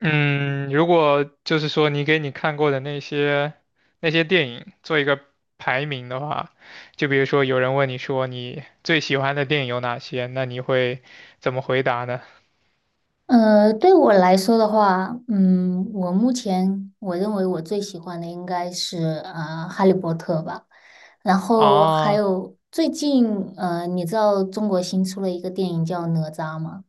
嗯，如果就是说你给你看过的那些电影做一个排名的话，就比如说有人问你说你最喜欢的电影有哪些，那你会怎么回答呢？对我来说的话，嗯，我目前我认为最喜欢的应该是《哈利波特》吧，然后还啊，有最近你知道中国新出了一个电影叫《哪吒》吗？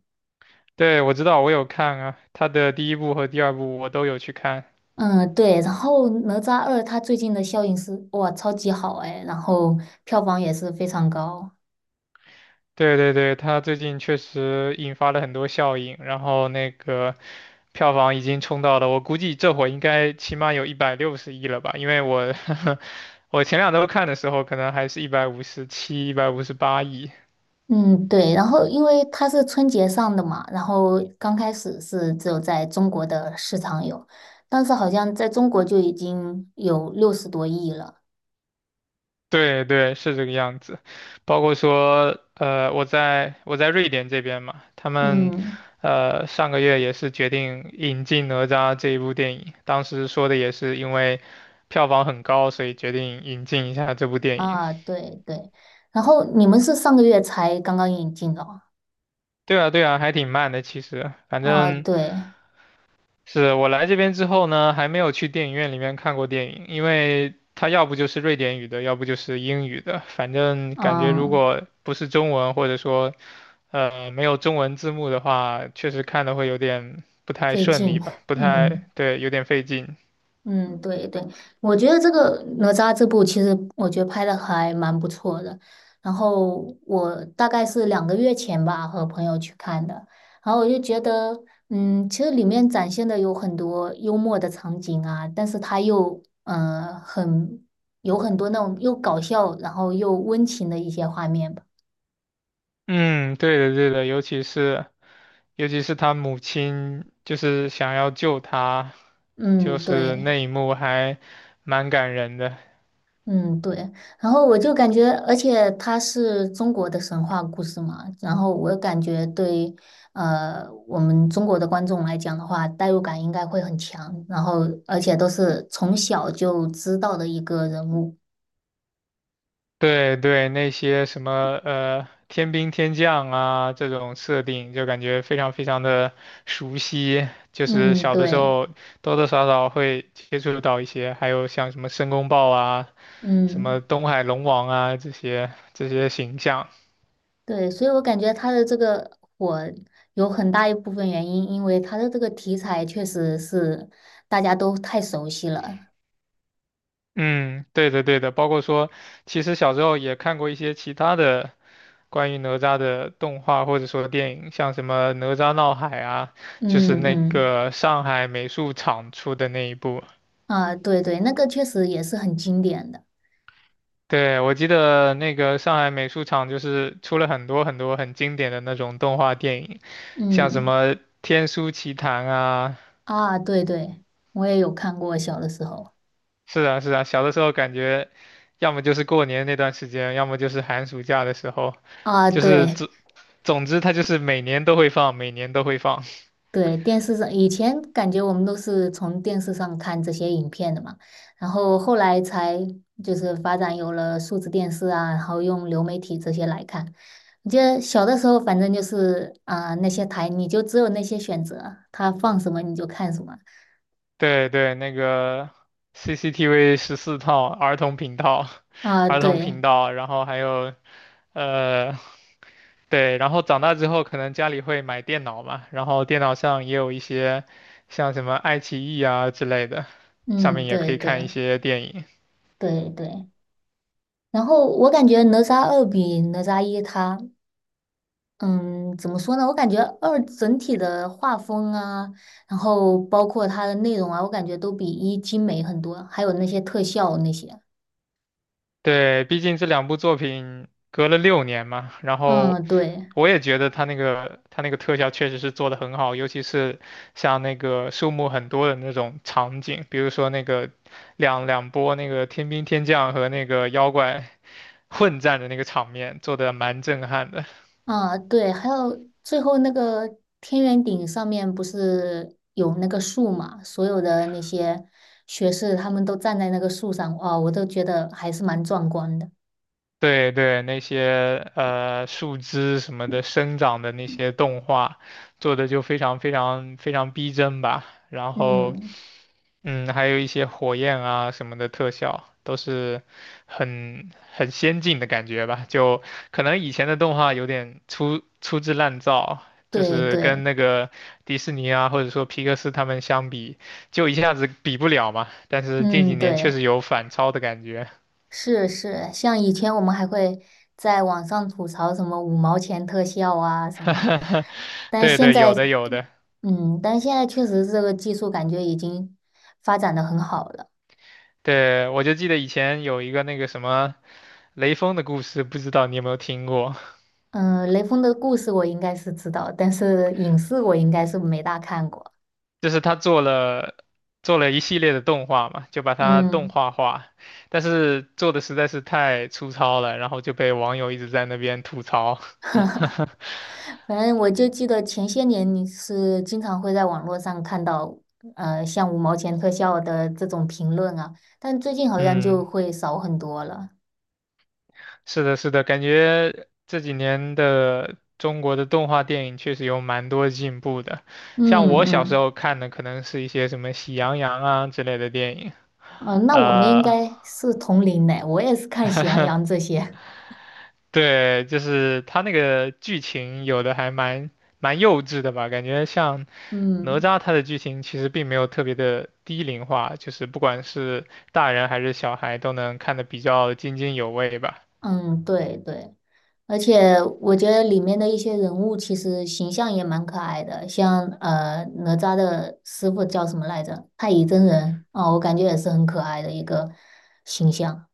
对，我知道，我有看啊，他的第一部和第二部我都有去看。嗯，对，然后《哪吒二》它最近的效应是哇超级好哎，然后票房也是非常高。对对对，它最近确实引发了很多效应，然后那个票房已经冲到了，我估计这会儿应该起码有160亿了吧？因为我 我前两周看的时候，可能还是157、158亿。嗯，对，然后因为它是春节上的嘛，然后刚开始是只有在中国的市场有，但是好像在中国就已经有60多亿了。对对，是这个样子。包括说，我在瑞典这边嘛，他们，嗯，上个月也是决定引进《哪吒》这一部电影。当时说的也是因为票房很高，所以决定引进一下这部电影。啊，对对，然后你们是上个月才刚刚引进的哦。对啊，对啊，还挺慢的。其实，反啊正对，是我来这边之后呢，还没有去电影院里面看过电影，因为它要不就是瑞典语的，要不就是英语的。反正感觉如嗯，果不是中文，或者说没有中文字幕的话，确实看的会有点不太费顺利劲，吧，不太，嗯。对，有点费劲。嗯，对对，我觉得这个哪吒这部其实我觉得拍的还蛮不错的。然后我大概是两个月前吧和朋友去看的，然后我就觉得，嗯，其实里面展现的有很多幽默的场景啊，但是它又很有很多那种又搞笑，然后又温情的一些画面吧。嗯，对的，对的，尤其是他母亲就是想要救他，就嗯，是对。那一幕还蛮感人的。嗯，对，然后我就感觉，而且它是中国的神话故事嘛，然后我感觉对，我们中国的观众来讲的话，代入感应该会很强，然后而且都是从小就知道的一个人物。对对，那些什么天兵天将啊这种设定，就感觉非常非常的熟悉，就是嗯，小的时对，候多多少少会接触到一些，还有像什么申公豹啊、什嗯，么东海龙王啊这些形象。对，所以我感觉他的这个火有很大一部分原因，因为他的这个题材确实是大家都太熟悉了。嗯，对的对的，包括说，其实小时候也看过一些其他的关于哪吒的动画或者说电影，像什么《哪吒闹海》啊，就是嗯那嗯，个上海美术厂出的那一部。啊，对对，那个确实也是很经典的。对，我记得那个上海美术厂就是出了很多很多很经典的那种动画电影，像什嗯，么《天书奇谭》啊，啊，对对，我也有看过，小的时候是啊是啊，小的时候感觉，要么就是过年那段时间，要么就是寒暑假的时候，啊，就是对总之它就是每年都会放，每年都会放。对，电视上以前感觉我们都是从电视上看这些影片的嘛，然后后来才就是发展有了数字电视啊，然后用流媒体这些来看。我记得小的时候，反正就是啊、那些台你就只有那些选择，它放什么你就看什么对对，那个 CCTV 14套儿童频道，啊，儿童对，频道，然后还有呃，对，然后长大之后可能家里会买电脑嘛，然后电脑上也有一些像什么爱奇艺啊之类的，上嗯，面也可对以看一对些电影。对对。然后我感觉《哪吒二》比《哪吒一》它嗯，怎么说呢？我感觉二整体的画风啊，然后包括它的内容啊，我感觉都比一精美很多，还有那些特效那些。对，毕竟这两部作品隔了6年嘛，然后嗯，对，我也觉得他那个特效确实是做得很好，尤其是像那个树木很多的那种场景，比如说那个两波那个天兵天将和那个妖怪混战的那个场面，做得蛮震撼的。啊，对，还有最后那个天元顶上面不是有那个树嘛？所有的那些学士他们都站在那个树上，哇，我都觉得还是蛮壮观的。对对，那些树枝什么的生长的那些动画，做的就非常非常非常逼真吧。然后嗯，还有一些火焰啊什么的特效，都是很先进的感觉吧。就可能以前的动画有点粗制滥造，就对是跟对，那个迪士尼啊，或者说皮克斯他们相比，就一下子比不了嘛。但是近几嗯年确对。实有反超的感觉。是是，像以前我们还会在网上吐槽什么五毛钱特效啊什么的，但对现对，在，有的有的。嗯，但现在确实这个技术感觉已经发展的很好了。对，我就记得以前有一个那个什么雷锋的故事，不知道你有没有听过？嗯，雷锋的故事我应该是知道，但是影视我应该是没大看过。就是他做了一系列的动画嘛，就把它动嗯，画化，但是做的实在是太粗糙了，然后就被网友一直在那边吐槽。反正我就记得前些年你是经常会在网络上看到，像五毛钱特效的这种评论啊，但最近好像就嗯，会少很多了。是的，是的，感觉这几年的中国的动画电影确实有蛮多进步的。像嗯我小时嗯。候看的，可能是一些什么《喜羊羊》啊之类的电影，嗯，那我们应呃，该是同龄的，我也是看喜羊羊这些。对，就是他那个剧情有的还蛮幼稚的吧，感觉像哪嗯吒他的剧情其实并没有特别的低龄化，就是不管是大人还是小孩都能看得比较津津有味吧。嗯，对对，而且我觉得里面的一些人物其实形象也蛮可爱的，像哪吒的师傅叫什么来着？太乙真人啊，我感觉也是很可爱的一个形象。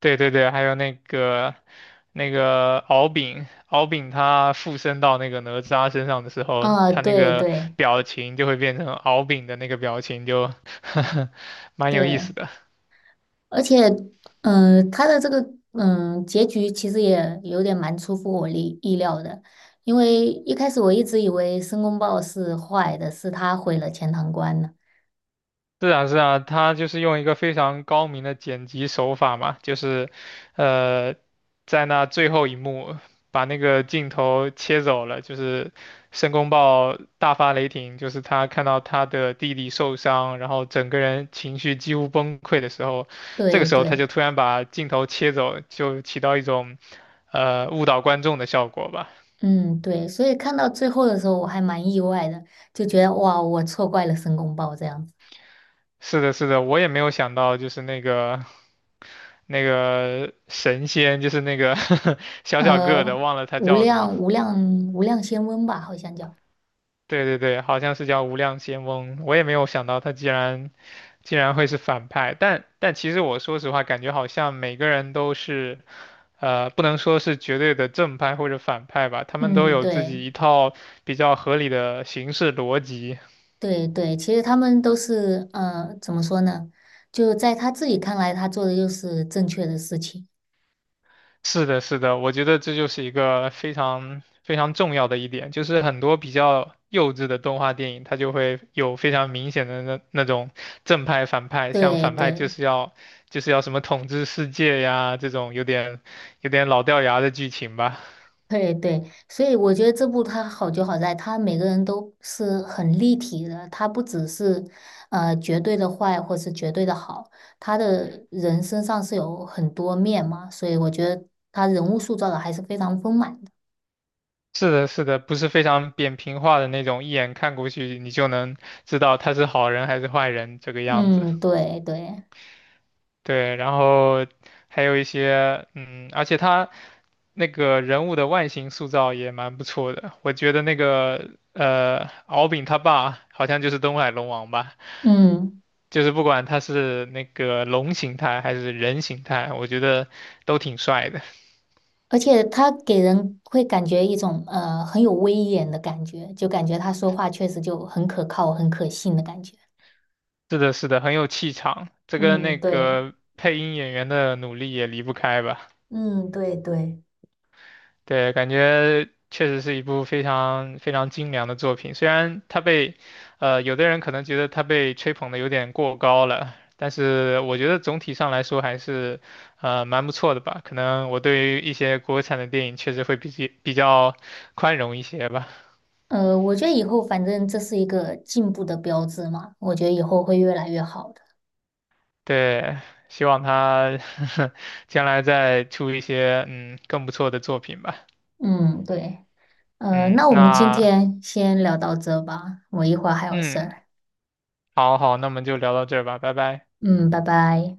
对对对，还有那个敖丙，敖丙他附身到那个哪吒身上的时候，啊，他那对个对表情就会变成敖丙的那个表情就，蛮有意思对，的。而且，他的这个结局其实也有点蛮出乎我意料的，因为一开始我一直以为申公豹是坏的，是他毁了钱塘关呢。是啊，是啊，他就是用一个非常高明的剪辑手法嘛，就是，呃，在那最后一幕把那个镜头切走了，就是申公豹大发雷霆，就是他看到他的弟弟受伤，然后整个人情绪几乎崩溃的时候，这个对时候他对，就突然把镜头切走，就起到一种，误导观众的效果吧。嗯对，所以看到最后的时候，我还蛮意外的，就觉得哇，我错怪了申公豹这样子。是的，是的，我也没有想到，就是那个。那个神仙，就是那个 小小个的，呃，忘了他无叫什么。量无量无量仙翁吧，好像叫。对对对，好像是叫无量仙翁。我也没有想到他竟然会是反派，但其实我说实话，感觉好像每个人都是不能说是绝对的正派或者反派吧，他们都嗯，有自对。己一套比较合理的行事逻辑。对对，其实他们都是怎么说呢？就在他自己看来，他做的就是正确的事情。是的，是的，我觉得这就是一个非常非常重要的一点，就是很多比较幼稚的动画电影，它就会有非常明显的那种正派反派，像对反派就对是要就是要什么统治世界呀，这种有点老掉牙的剧情吧。对对，所以我觉得这部他好就好在，他每个人都是很立体的，他不只是绝对的坏或是绝对的好，他的人身上是有很多面嘛，所以我觉得他人物塑造的还是非常丰满的。是的，是的，不是非常扁平化的那种，一眼看过去你就能知道他是好人还是坏人这个样子。嗯，对对，对，然后还有一些，而且他那个人物的外形塑造也蛮不错的。我觉得那个敖丙他爸好像就是东海龙王吧，嗯。就是不管他是那个龙形态还是人形态，我觉得都挺帅的。而且他给人会感觉一种很有威严的感觉，就感觉他说话确实就很可靠、很可信的感觉。是的，是的，很有气场，这跟嗯，那对，个配音演员的努力也离不开吧。嗯，对对，对，感觉确实是一部非常非常精良的作品。虽然它被，有的人可能觉得它被吹捧的有点过高了，但是我觉得总体上来说还是，蛮不错的吧。可能我对于一些国产的电影确实会比较宽容一些吧。我觉得以后反正这是一个进步的标志嘛，我觉得以后会越来越好的。对，希望他 将来再出一些更不错的作品吧。嗯，对，呃，嗯，那我们今那天先聊到这吧，我一会儿还有事嗯，儿。好好，那我们就聊到这儿吧，拜拜。嗯，拜拜。